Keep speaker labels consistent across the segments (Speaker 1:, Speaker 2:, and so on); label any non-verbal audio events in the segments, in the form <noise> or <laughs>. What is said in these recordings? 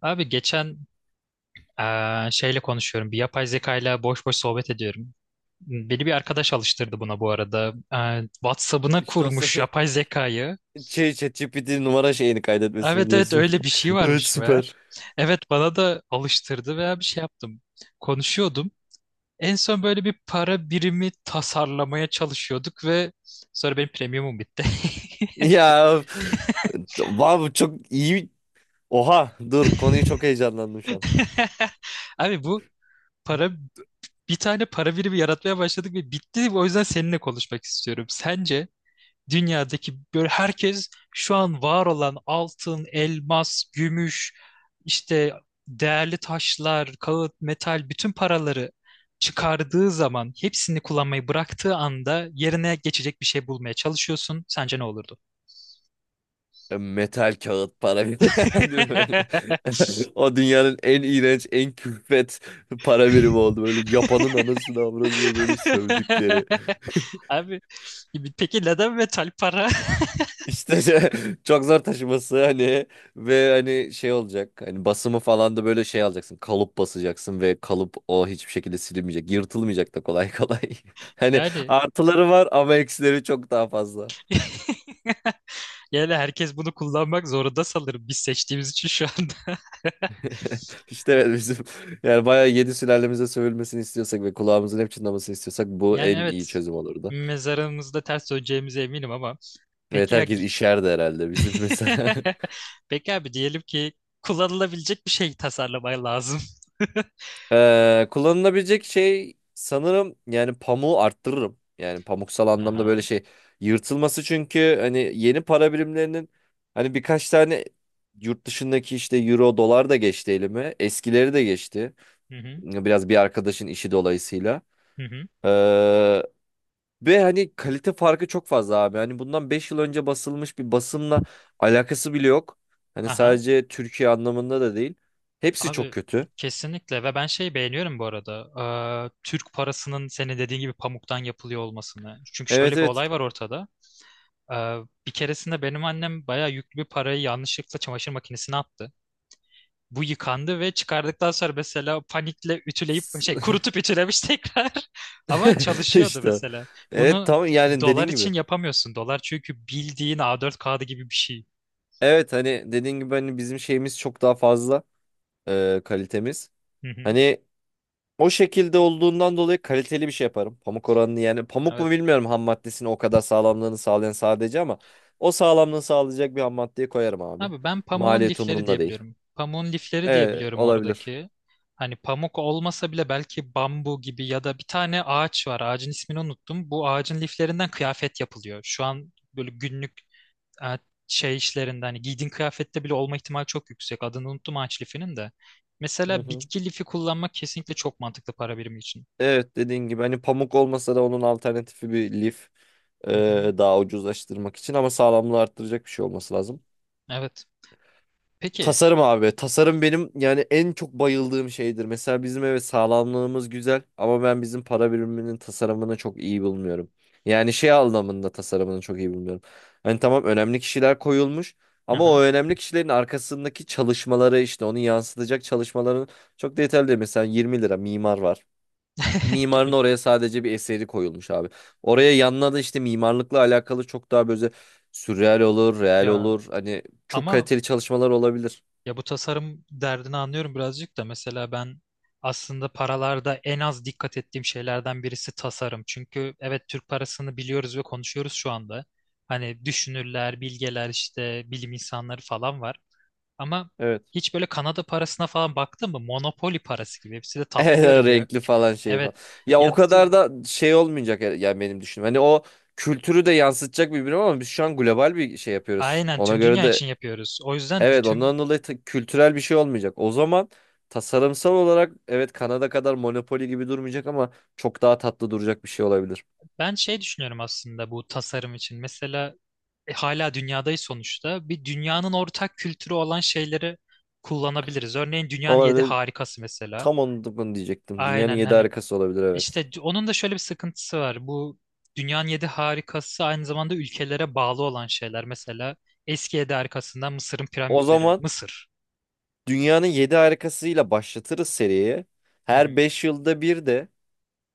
Speaker 1: Abi geçen şeyle konuşuyorum. Bir yapay zekayla boş boş sohbet ediyorum. Beni bir arkadaş alıştırdı buna bu arada. WhatsApp'ına
Speaker 2: İşte o
Speaker 1: kurmuş
Speaker 2: se-
Speaker 1: yapay zekayı.
Speaker 2: <laughs> şey ChatGPT numara şeyini kaydetmesini
Speaker 1: Evet evet,
Speaker 2: diyorsun.
Speaker 1: öyle bir şey
Speaker 2: <laughs> Evet,
Speaker 1: varmış meğer.
Speaker 2: süper.
Speaker 1: Evet, bana da alıştırdı veya bir şey yaptım. Konuşuyordum. En son böyle bir para birimi tasarlamaya çalışıyorduk ve sonra benim premiumum bitti.
Speaker 2: Ya, wow, çok iyi. Oha, dur, konuyu çok heyecanlandım şu an.
Speaker 1: <laughs> Abi, bu para bir tane para birimi yaratmaya başladık ve bitti. O yüzden seninle konuşmak istiyorum. Sence dünyadaki böyle herkes şu an var olan altın, elmas, gümüş, işte değerli taşlar, kağıt, metal bütün paraları çıkardığı zaman hepsini kullanmayı bıraktığı anda yerine geçecek bir şey bulmaya çalışıyorsun. Sence ne olurdu?
Speaker 2: Metal kağıt para birimi. <laughs> Değil mi böyle?
Speaker 1: <laughs>
Speaker 2: <laughs> O dünyanın en iğrenç, en külfet para birimi oldu. Böyle yapanın anasını avradını böyle sövdükleri.
Speaker 1: Abi, peki neden metal para? <laughs>
Speaker 2: İşte şey- <laughs> çok zor taşıması hani, ve hani şey olacak hani basımı falan da böyle şey alacaksın, kalıp basacaksın ve kalıp o hiçbir şekilde silinmeyecek, yırtılmayacak da kolay kolay. <laughs> Hani
Speaker 1: Yani
Speaker 2: artıları var ama eksileri çok daha fazla.
Speaker 1: <laughs> yani herkes bunu kullanmak zorunda sanırım, biz seçtiğimiz için şu anda.
Speaker 2: <laughs> İşte evet, bizim yani bayağı yedi sülalemize sövülmesini istiyorsak ve kulağımızın hep çınlamasını istiyorsak bu
Speaker 1: Yani
Speaker 2: en iyi
Speaker 1: evet,
Speaker 2: çözüm olurdu.
Speaker 1: mezarımızda ters döneceğimize eminim ama
Speaker 2: Evet,
Speaker 1: peki ya
Speaker 2: herkes işerdi herhalde bizim mesela. <laughs>
Speaker 1: <laughs> peki abi, diyelim ki kullanılabilecek bir şey tasarlamaya lazım.
Speaker 2: Kullanılabilecek şey sanırım yani pamuğu arttırırım. Yani pamuksal anlamda
Speaker 1: Aha.
Speaker 2: böyle şey yırtılması, çünkü hani yeni para birimlerinin hani birkaç tane yurt dışındaki işte euro dolar da geçti elime. Eskileri de geçti.
Speaker 1: Hı hı.
Speaker 2: Biraz bir arkadaşın işi dolayısıyla.
Speaker 1: Hı hı.
Speaker 2: Ee, ve hani kalite farkı çok fazla abi. Hani bundan 5 yıl önce basılmış bir basımla alakası bile yok. Hani
Speaker 1: Aha.
Speaker 2: sadece Türkiye anlamında da değil. Hepsi çok
Speaker 1: Abi
Speaker 2: kötü.
Speaker 1: kesinlikle, ve ben şey beğeniyorum bu arada. Türk parasının senin dediğin gibi pamuktan yapılıyor olmasını. Çünkü şöyle
Speaker 2: Evet,
Speaker 1: bir
Speaker 2: evet.
Speaker 1: olay var ortada. Ee, bir keresinde benim annem bayağı yüklü bir parayı yanlışlıkla çamaşır makinesine attı. Bu yıkandı ve çıkardıktan sonra mesela panikle ütüleyip şey
Speaker 2: <laughs>
Speaker 1: kurutup ütülemiş <laughs> tekrar. Ama
Speaker 2: <laughs>
Speaker 1: çalışıyordu
Speaker 2: İşte.
Speaker 1: mesela.
Speaker 2: Evet,
Speaker 1: Bunu
Speaker 2: tamam, yani
Speaker 1: dolar
Speaker 2: dediğin gibi.
Speaker 1: için yapamıyorsun. Dolar çünkü bildiğin A4 kağıdı gibi bir şey.
Speaker 2: Evet, hani dediğin gibi hani bizim şeyimiz çok daha fazla, kalitemiz.
Speaker 1: Hı hı.
Speaker 2: Hani o şekilde olduğundan dolayı kaliteli bir şey yaparım. Pamuk oranını, yani pamuk mu
Speaker 1: Evet.
Speaker 2: bilmiyorum, ham maddesini o kadar sağlamlığını sağlayan sadece, ama o sağlamlığını sağlayacak bir ham maddeyi koyarım abi.
Speaker 1: Abi, ben pamuğun
Speaker 2: Maliyet
Speaker 1: lifleri
Speaker 2: umurumda değil.
Speaker 1: diyebiliyorum. Pamuğun lifleri
Speaker 2: Evet,
Speaker 1: diyebiliyorum
Speaker 2: olabilir.
Speaker 1: oradaki. Hani pamuk olmasa bile belki bambu gibi ya da bir tane ağaç var. Ağacın ismini unuttum. Bu ağacın liflerinden kıyafet yapılıyor. Şu an böyle günlük e, şey işlerinden hani giydiğin kıyafette bile olma ihtimali çok yüksek. Adını unuttum ağaç lifinin de.
Speaker 2: Hı
Speaker 1: Mesela
Speaker 2: hı.
Speaker 1: bitki lifi kullanmak kesinlikle çok mantıklı para birimi için.
Speaker 2: Evet, dediğin gibi hani pamuk olmasa da onun alternatifi bir lif, e,
Speaker 1: Hı hı.
Speaker 2: daha ucuzlaştırmak için, ama sağlamlığı arttıracak bir şey olması lazım.
Speaker 1: Evet. Peki.
Speaker 2: Tasarım abi. Tasarım benim yani en çok bayıldığım şeydir. Mesela bizim, evet, sağlamlığımız güzel, ama ben bizim para biriminin tasarımını çok iyi bulmuyorum. Yani şey anlamında tasarımını çok iyi bulmuyorum. Hani tamam, önemli kişiler koyulmuş, ama
Speaker 1: Aha.
Speaker 2: o önemli kişilerin arkasındaki çalışmaları, işte onu yansıtacak çalışmaların çok detaylı değil. Mesela 20 lira mimar var.
Speaker 1: <laughs>
Speaker 2: Mimarın
Speaker 1: 20,
Speaker 2: oraya sadece bir eseri koyulmuş abi. Oraya yanına da işte mimarlıkla alakalı çok daha böyle sürreal olur, real
Speaker 1: ya
Speaker 2: olur. Hani çok
Speaker 1: ama
Speaker 2: kaliteli çalışmalar olabilir.
Speaker 1: ya bu tasarım derdini anlıyorum birazcık da, mesela ben aslında paralarda en az dikkat ettiğim şeylerden birisi tasarım. Çünkü evet, Türk parasını biliyoruz ve konuşuyoruz şu anda. Hani düşünürler, bilgeler, işte bilim insanları falan var. Ama
Speaker 2: Evet.
Speaker 1: hiç böyle Kanada parasına falan baktın mı? Monopoly parası gibi. Hepsi de
Speaker 2: <laughs>
Speaker 1: tatlı görünüyor.
Speaker 2: renkli falan, şey
Speaker 1: Evet.
Speaker 2: falan. Ya o
Speaker 1: Ya
Speaker 2: kadar da şey olmayacak yani benim düşünüm. Hani o kültürü de yansıtacak birbirine, ama biz şu an global bir şey yapıyoruz.
Speaker 1: aynen,
Speaker 2: Ona
Speaker 1: tüm
Speaker 2: göre
Speaker 1: dünya
Speaker 2: de
Speaker 1: için yapıyoruz. O yüzden
Speaker 2: evet,
Speaker 1: bütün
Speaker 2: ondan dolayı kültürel bir şey olmayacak. O zaman tasarımsal olarak, evet, Kanada kadar Monopoly gibi durmayacak, ama çok daha tatlı duracak bir şey olabilir.
Speaker 1: ben şey düşünüyorum aslında bu tasarım için. Mesela hala dünyadayız sonuçta. Bir dünyanın ortak kültürü olan şeyleri kullanabiliriz. Örneğin dünyanın yedi
Speaker 2: Olabilir.
Speaker 1: harikası mesela.
Speaker 2: Tam onu da bunu diyecektim. Dünyanın
Speaker 1: Aynen
Speaker 2: yedi
Speaker 1: hani
Speaker 2: harikası olabilir, evet.
Speaker 1: Onun da şöyle bir sıkıntısı var. Bu dünyanın yedi harikası aynı zamanda ülkelere bağlı olan şeyler. Mesela eski yedi harikasından Mısır'ın
Speaker 2: O
Speaker 1: piramitleri.
Speaker 2: zaman
Speaker 1: Mısır.
Speaker 2: dünyanın yedi harikasıyla başlatırız seriye.
Speaker 1: Hı hı.
Speaker 2: Her 5 yılda bir de,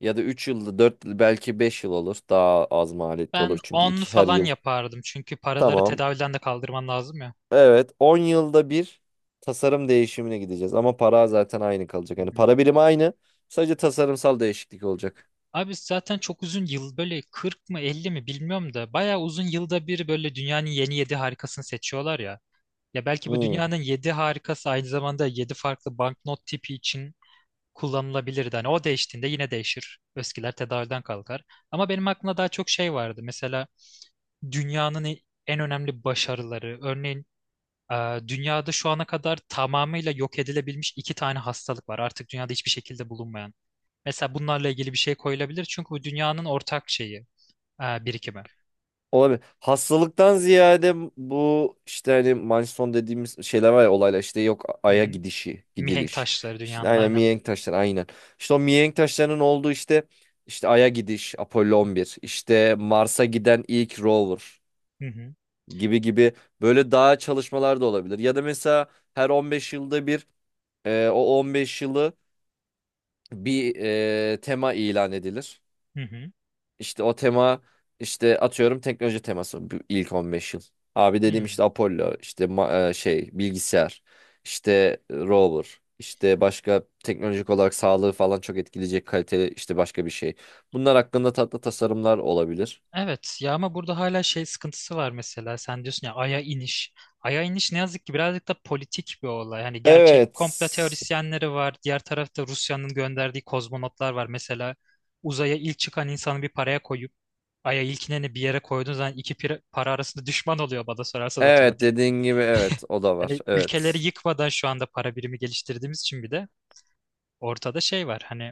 Speaker 2: ya da 3 yılda 4, belki 5 yıl olur. Daha az maliyetli
Speaker 1: Ben
Speaker 2: olur çünkü
Speaker 1: 10
Speaker 2: iki her
Speaker 1: falan
Speaker 2: yıl.
Speaker 1: yapardım. Çünkü paraları
Speaker 2: Tamam.
Speaker 1: tedavülden de kaldırman lazım ya.
Speaker 2: Evet, 10 yılda bir tasarım değişimine gideceğiz, ama para zaten aynı kalacak.
Speaker 1: Hı
Speaker 2: Yani
Speaker 1: hı.
Speaker 2: para birimi aynı. Sadece tasarımsal değişiklik olacak.
Speaker 1: Abi zaten çok uzun yıl böyle 40 mı 50 mi bilmiyorum da bayağı uzun yılda bir böyle dünyanın yeni yedi harikasını seçiyorlar ya. Ya belki bu
Speaker 2: Hmm.
Speaker 1: dünyanın yedi harikası aynı zamanda yedi farklı banknot tipi için kullanılabilirdi. Hani o değiştiğinde yine değişir. Eskiler tedavülden kalkar. Ama benim aklımda daha çok şey vardı. Mesela dünyanın en önemli başarıları. Örneğin dünyada şu ana kadar tamamıyla yok edilebilmiş iki tane hastalık var. Artık dünyada hiçbir şekilde bulunmayan. Mesela bunlarla ilgili bir şey koyulabilir. Çünkü bu dünyanın ortak şeyi, birikimi.
Speaker 2: Olabilir. Hastalıktan ziyade bu işte hani Manson dediğimiz şeyler var ya, olaylar, işte yok,
Speaker 1: Hı
Speaker 2: Ay'a
Speaker 1: hı.
Speaker 2: gidişi,
Speaker 1: Mihenk
Speaker 2: gidiliş.
Speaker 1: taşları
Speaker 2: İşte
Speaker 1: dünyanın,
Speaker 2: aynen,
Speaker 1: aynen.
Speaker 2: mihenk taşları, aynen. İşte o mihenk taşlarının olduğu işte, işte Ay'a gidiş, Apollo 11, işte Mars'a giden ilk rover
Speaker 1: Hı hı.
Speaker 2: gibi gibi, böyle daha çalışmalar da olabilir. Ya da mesela her 15 yılda bir, o 15 yılı bir, tema ilan edilir.
Speaker 1: Hı hı.
Speaker 2: İşte o tema, işte atıyorum teknoloji teması bu ilk 15 yıl. Abi dediğim
Speaker 1: Hı.
Speaker 2: işte Apollo, işte şey bilgisayar, işte rover, işte başka teknolojik olarak sağlığı falan çok etkileyecek kaliteli işte başka bir şey. Bunlar hakkında tatlı tasarımlar olabilir.
Speaker 1: Evet, ya ama burada hala şey sıkıntısı var, mesela sen diyorsun ya Ay'a iniş. Ay'a iniş ne yazık ki birazcık da politik bir olay. Hani gerçek
Speaker 2: Evet.
Speaker 1: komplo teorisyenleri var. Diğer tarafta Rusya'nın gönderdiği kozmonotlar var. Mesela uzaya ilk çıkan insanı bir paraya koyup Ay'a ilkineni bir yere koyduğun zaman iki para arasında düşman oluyor bana sorarsan
Speaker 2: Evet,
Speaker 1: otomatik.
Speaker 2: dediğin gibi, evet, o da var.
Speaker 1: Yani ülkeleri
Speaker 2: Evet.
Speaker 1: yıkmadan şu anda para birimi geliştirdiğimiz için bir de ortada şey var. Hani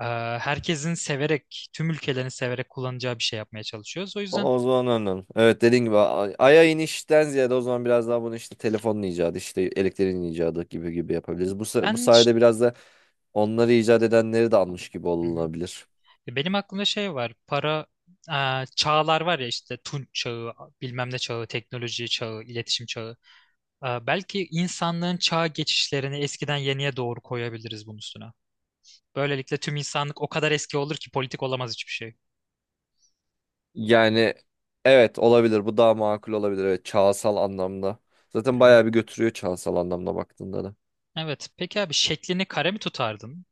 Speaker 1: e, herkesin severek, tüm ülkelerin severek kullanacağı bir şey yapmaya çalışıyoruz. O yüzden
Speaker 2: O zaman anladım. Evet, dediğin gibi Ay'a inişten ziyade, o zaman biraz daha bunu işte telefonun icadı, işte elektriğin icadı gibi gibi yapabiliriz. Bu, bu
Speaker 1: ben
Speaker 2: sayede biraz da onları icat edenleri de almış gibi
Speaker 1: Hı hı.
Speaker 2: olunabilir.
Speaker 1: Benim aklımda şey var. Para çağlar var ya, işte Tunç çağı, bilmem ne çağı, teknoloji çağı, iletişim çağı. Belki insanlığın çağ geçişlerini eskiden yeniye doğru koyabiliriz bunun üstüne. Böylelikle tüm insanlık o kadar eski olur ki politik olamaz hiçbir şey.
Speaker 2: Yani evet, olabilir, bu daha makul olabilir, evet, çağsal anlamda.
Speaker 1: Hı
Speaker 2: Zaten
Speaker 1: hı.
Speaker 2: bayağı bir götürüyor çağsal anlamda baktığında da.
Speaker 1: Evet. Peki abi, şeklini kare mi tutardın?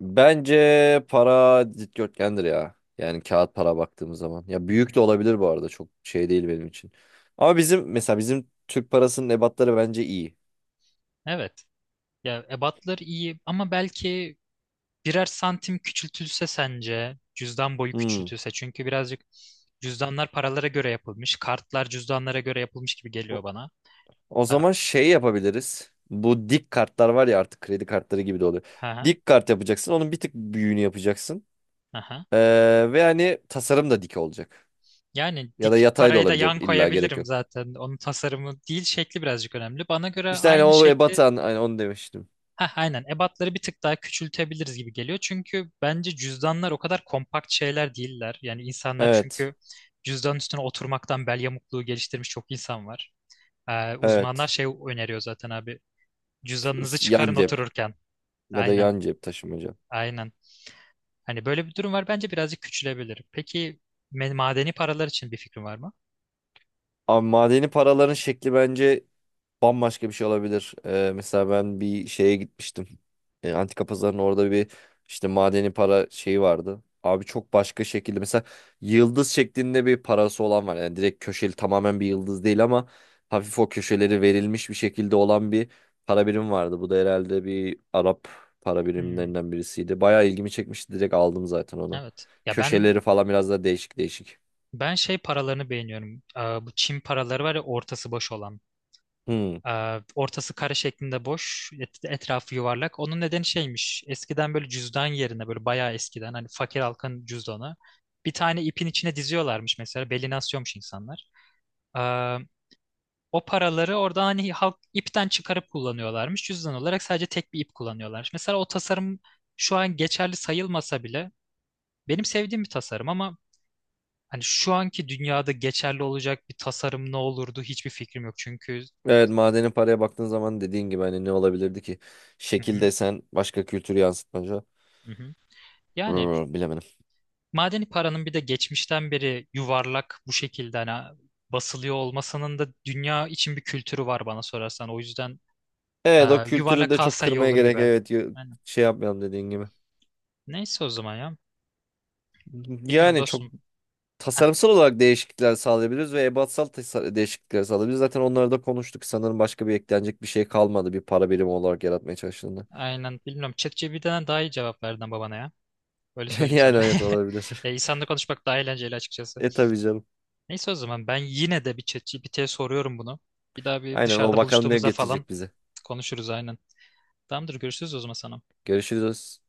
Speaker 2: Bence para dikdörtgendir ya. Yani kağıt para baktığımız zaman. Ya
Speaker 1: Hı hı.
Speaker 2: büyük de olabilir bu arada, çok şey değil benim için. Ama bizim mesela bizim Türk parasının ebatları bence iyi.
Speaker 1: Evet. Ya ebatları iyi ama belki birer santim küçültülse, sence cüzdan boyu
Speaker 2: Hmm.
Speaker 1: küçültülse, çünkü birazcık cüzdanlar paralara göre yapılmış, kartlar cüzdanlara göre yapılmış gibi
Speaker 2: O
Speaker 1: geliyor bana.
Speaker 2: o
Speaker 1: Ha,
Speaker 2: zaman şey yapabiliriz. Bu dik kartlar var ya artık, kredi kartları gibi de oluyor.
Speaker 1: ha,
Speaker 2: Dik kart yapacaksın. Onun bir tık büyüğünü yapacaksın.
Speaker 1: ha.
Speaker 2: Ve hani tasarım da dik olacak.
Speaker 1: Yani
Speaker 2: Ya da
Speaker 1: dik
Speaker 2: yatay da
Speaker 1: parayı da
Speaker 2: olabilir.
Speaker 1: yan
Speaker 2: İlla gerek
Speaker 1: koyabilirim
Speaker 2: yok.
Speaker 1: zaten. Onun tasarımı değil, şekli birazcık önemli. Bana göre
Speaker 2: İşte hani
Speaker 1: aynı
Speaker 2: o
Speaker 1: şekli
Speaker 2: ebatan, hani onu demiştim.
Speaker 1: ha aynen, ebatları bir tık daha küçültebiliriz gibi geliyor. Çünkü bence cüzdanlar o kadar kompakt şeyler değiller. Yani insanlar
Speaker 2: Evet.
Speaker 1: çünkü cüzdan üstüne oturmaktan bel yamukluğu geliştirmiş çok insan var. Uzmanlar
Speaker 2: Evet.
Speaker 1: şey öneriyor zaten abi. Cüzdanınızı
Speaker 2: Yan
Speaker 1: çıkarın
Speaker 2: cep,
Speaker 1: otururken.
Speaker 2: ya da
Speaker 1: Aynen,
Speaker 2: yan cep taşımaca.
Speaker 1: aynen. Hani böyle bir durum var. Bence birazcık küçülebilir. Peki madeni paralar için bir fikrin var mı?
Speaker 2: Abi madeni paraların şekli bence bambaşka bir şey olabilir. Mesela ben bir şeye gitmiştim. Antika pazarının orada bir işte madeni para şeyi vardı. Abi çok başka şekilde, mesela yıldız şeklinde bir parası olan var. Yani direkt köşeli tamamen bir yıldız değil, ama hafif o köşeleri verilmiş bir şekilde olan bir para birim vardı. Bu da herhalde bir Arap para
Speaker 1: Hmm,
Speaker 2: birimlerinden birisiydi. Bayağı ilgimi çekmişti. Direkt aldım zaten onu.
Speaker 1: evet. Ya ben
Speaker 2: Köşeleri falan biraz da değişik değişik.
Speaker 1: ben şey paralarını beğeniyorum. Aa, bu Çin paraları var ya, ortası boş olan.
Speaker 2: Hmm.
Speaker 1: Aa, ortası kare şeklinde boş, etrafı yuvarlak. Onun nedeni şeymiş. Eskiden böyle cüzdan yerine böyle bayağı eskiden hani fakir halkın cüzdanı. Bir tane ipin içine diziyorlarmış mesela. Beline asıyormuş insanlar. O paraları orada hani halk ipten çıkarıp kullanıyorlarmış. Cüzdan olarak sadece tek bir ip kullanıyorlar. Mesela o tasarım şu an geçerli sayılmasa bile benim sevdiğim bir tasarım ama hani şu anki dünyada geçerli olacak bir tasarım ne olurdu hiçbir fikrim yok. Çünkü
Speaker 2: Evet, madeni paraya baktığın zaman dediğin gibi hani ne olabilirdi ki?
Speaker 1: Hı
Speaker 2: Şekil
Speaker 1: hı,
Speaker 2: desen başka, kültürü yansıtmaca.
Speaker 1: hı hı. Yani
Speaker 2: Brr, bilemedim.
Speaker 1: madeni paranın bir de geçmişten beri yuvarlak bu şekilde hani basılıyor olmasının da dünya için bir kültürü var bana sorarsan. O yüzden
Speaker 2: Evet, o kültürü
Speaker 1: yuvarlak
Speaker 2: de çok
Speaker 1: kalsa iyi
Speaker 2: kırmaya
Speaker 1: olur
Speaker 2: gerek,
Speaker 1: gibi.
Speaker 2: evet,
Speaker 1: Yani
Speaker 2: şey yapmayalım dediğin gibi.
Speaker 1: neyse o zaman ya. Bilmiyorum
Speaker 2: Yani çok
Speaker 1: dostum.
Speaker 2: tasarımsal olarak değişiklikler sağlayabiliriz ve ebatsal değişiklikler sağlayabiliriz. Zaten onları da konuştuk. Sanırım başka bir eklenecek bir şey kalmadı bir para birimi olarak yaratmaya çalıştığında.
Speaker 1: Aynen, bilmiyorum. ChatGPT'den daha iyi cevap verdin babana ya. Öyle
Speaker 2: <laughs>
Speaker 1: söyleyeyim
Speaker 2: Yani
Speaker 1: sana.
Speaker 2: evet,
Speaker 1: <laughs>
Speaker 2: olabilir.
Speaker 1: Ya
Speaker 2: <laughs>
Speaker 1: insanla konuşmak daha eğlenceli açıkçası.
Speaker 2: E tabii canım.
Speaker 1: Neyse, o zaman ben yine de bir ChatGPT'ye soruyorum bunu. Bir daha bir
Speaker 2: Aynen, o
Speaker 1: dışarıda
Speaker 2: bakalım ne
Speaker 1: buluştuğumuzda falan
Speaker 2: getirecek bize.
Speaker 1: konuşuruz aynen. Tamamdır, görüşürüz o zaman sana.
Speaker 2: Görüşürüz.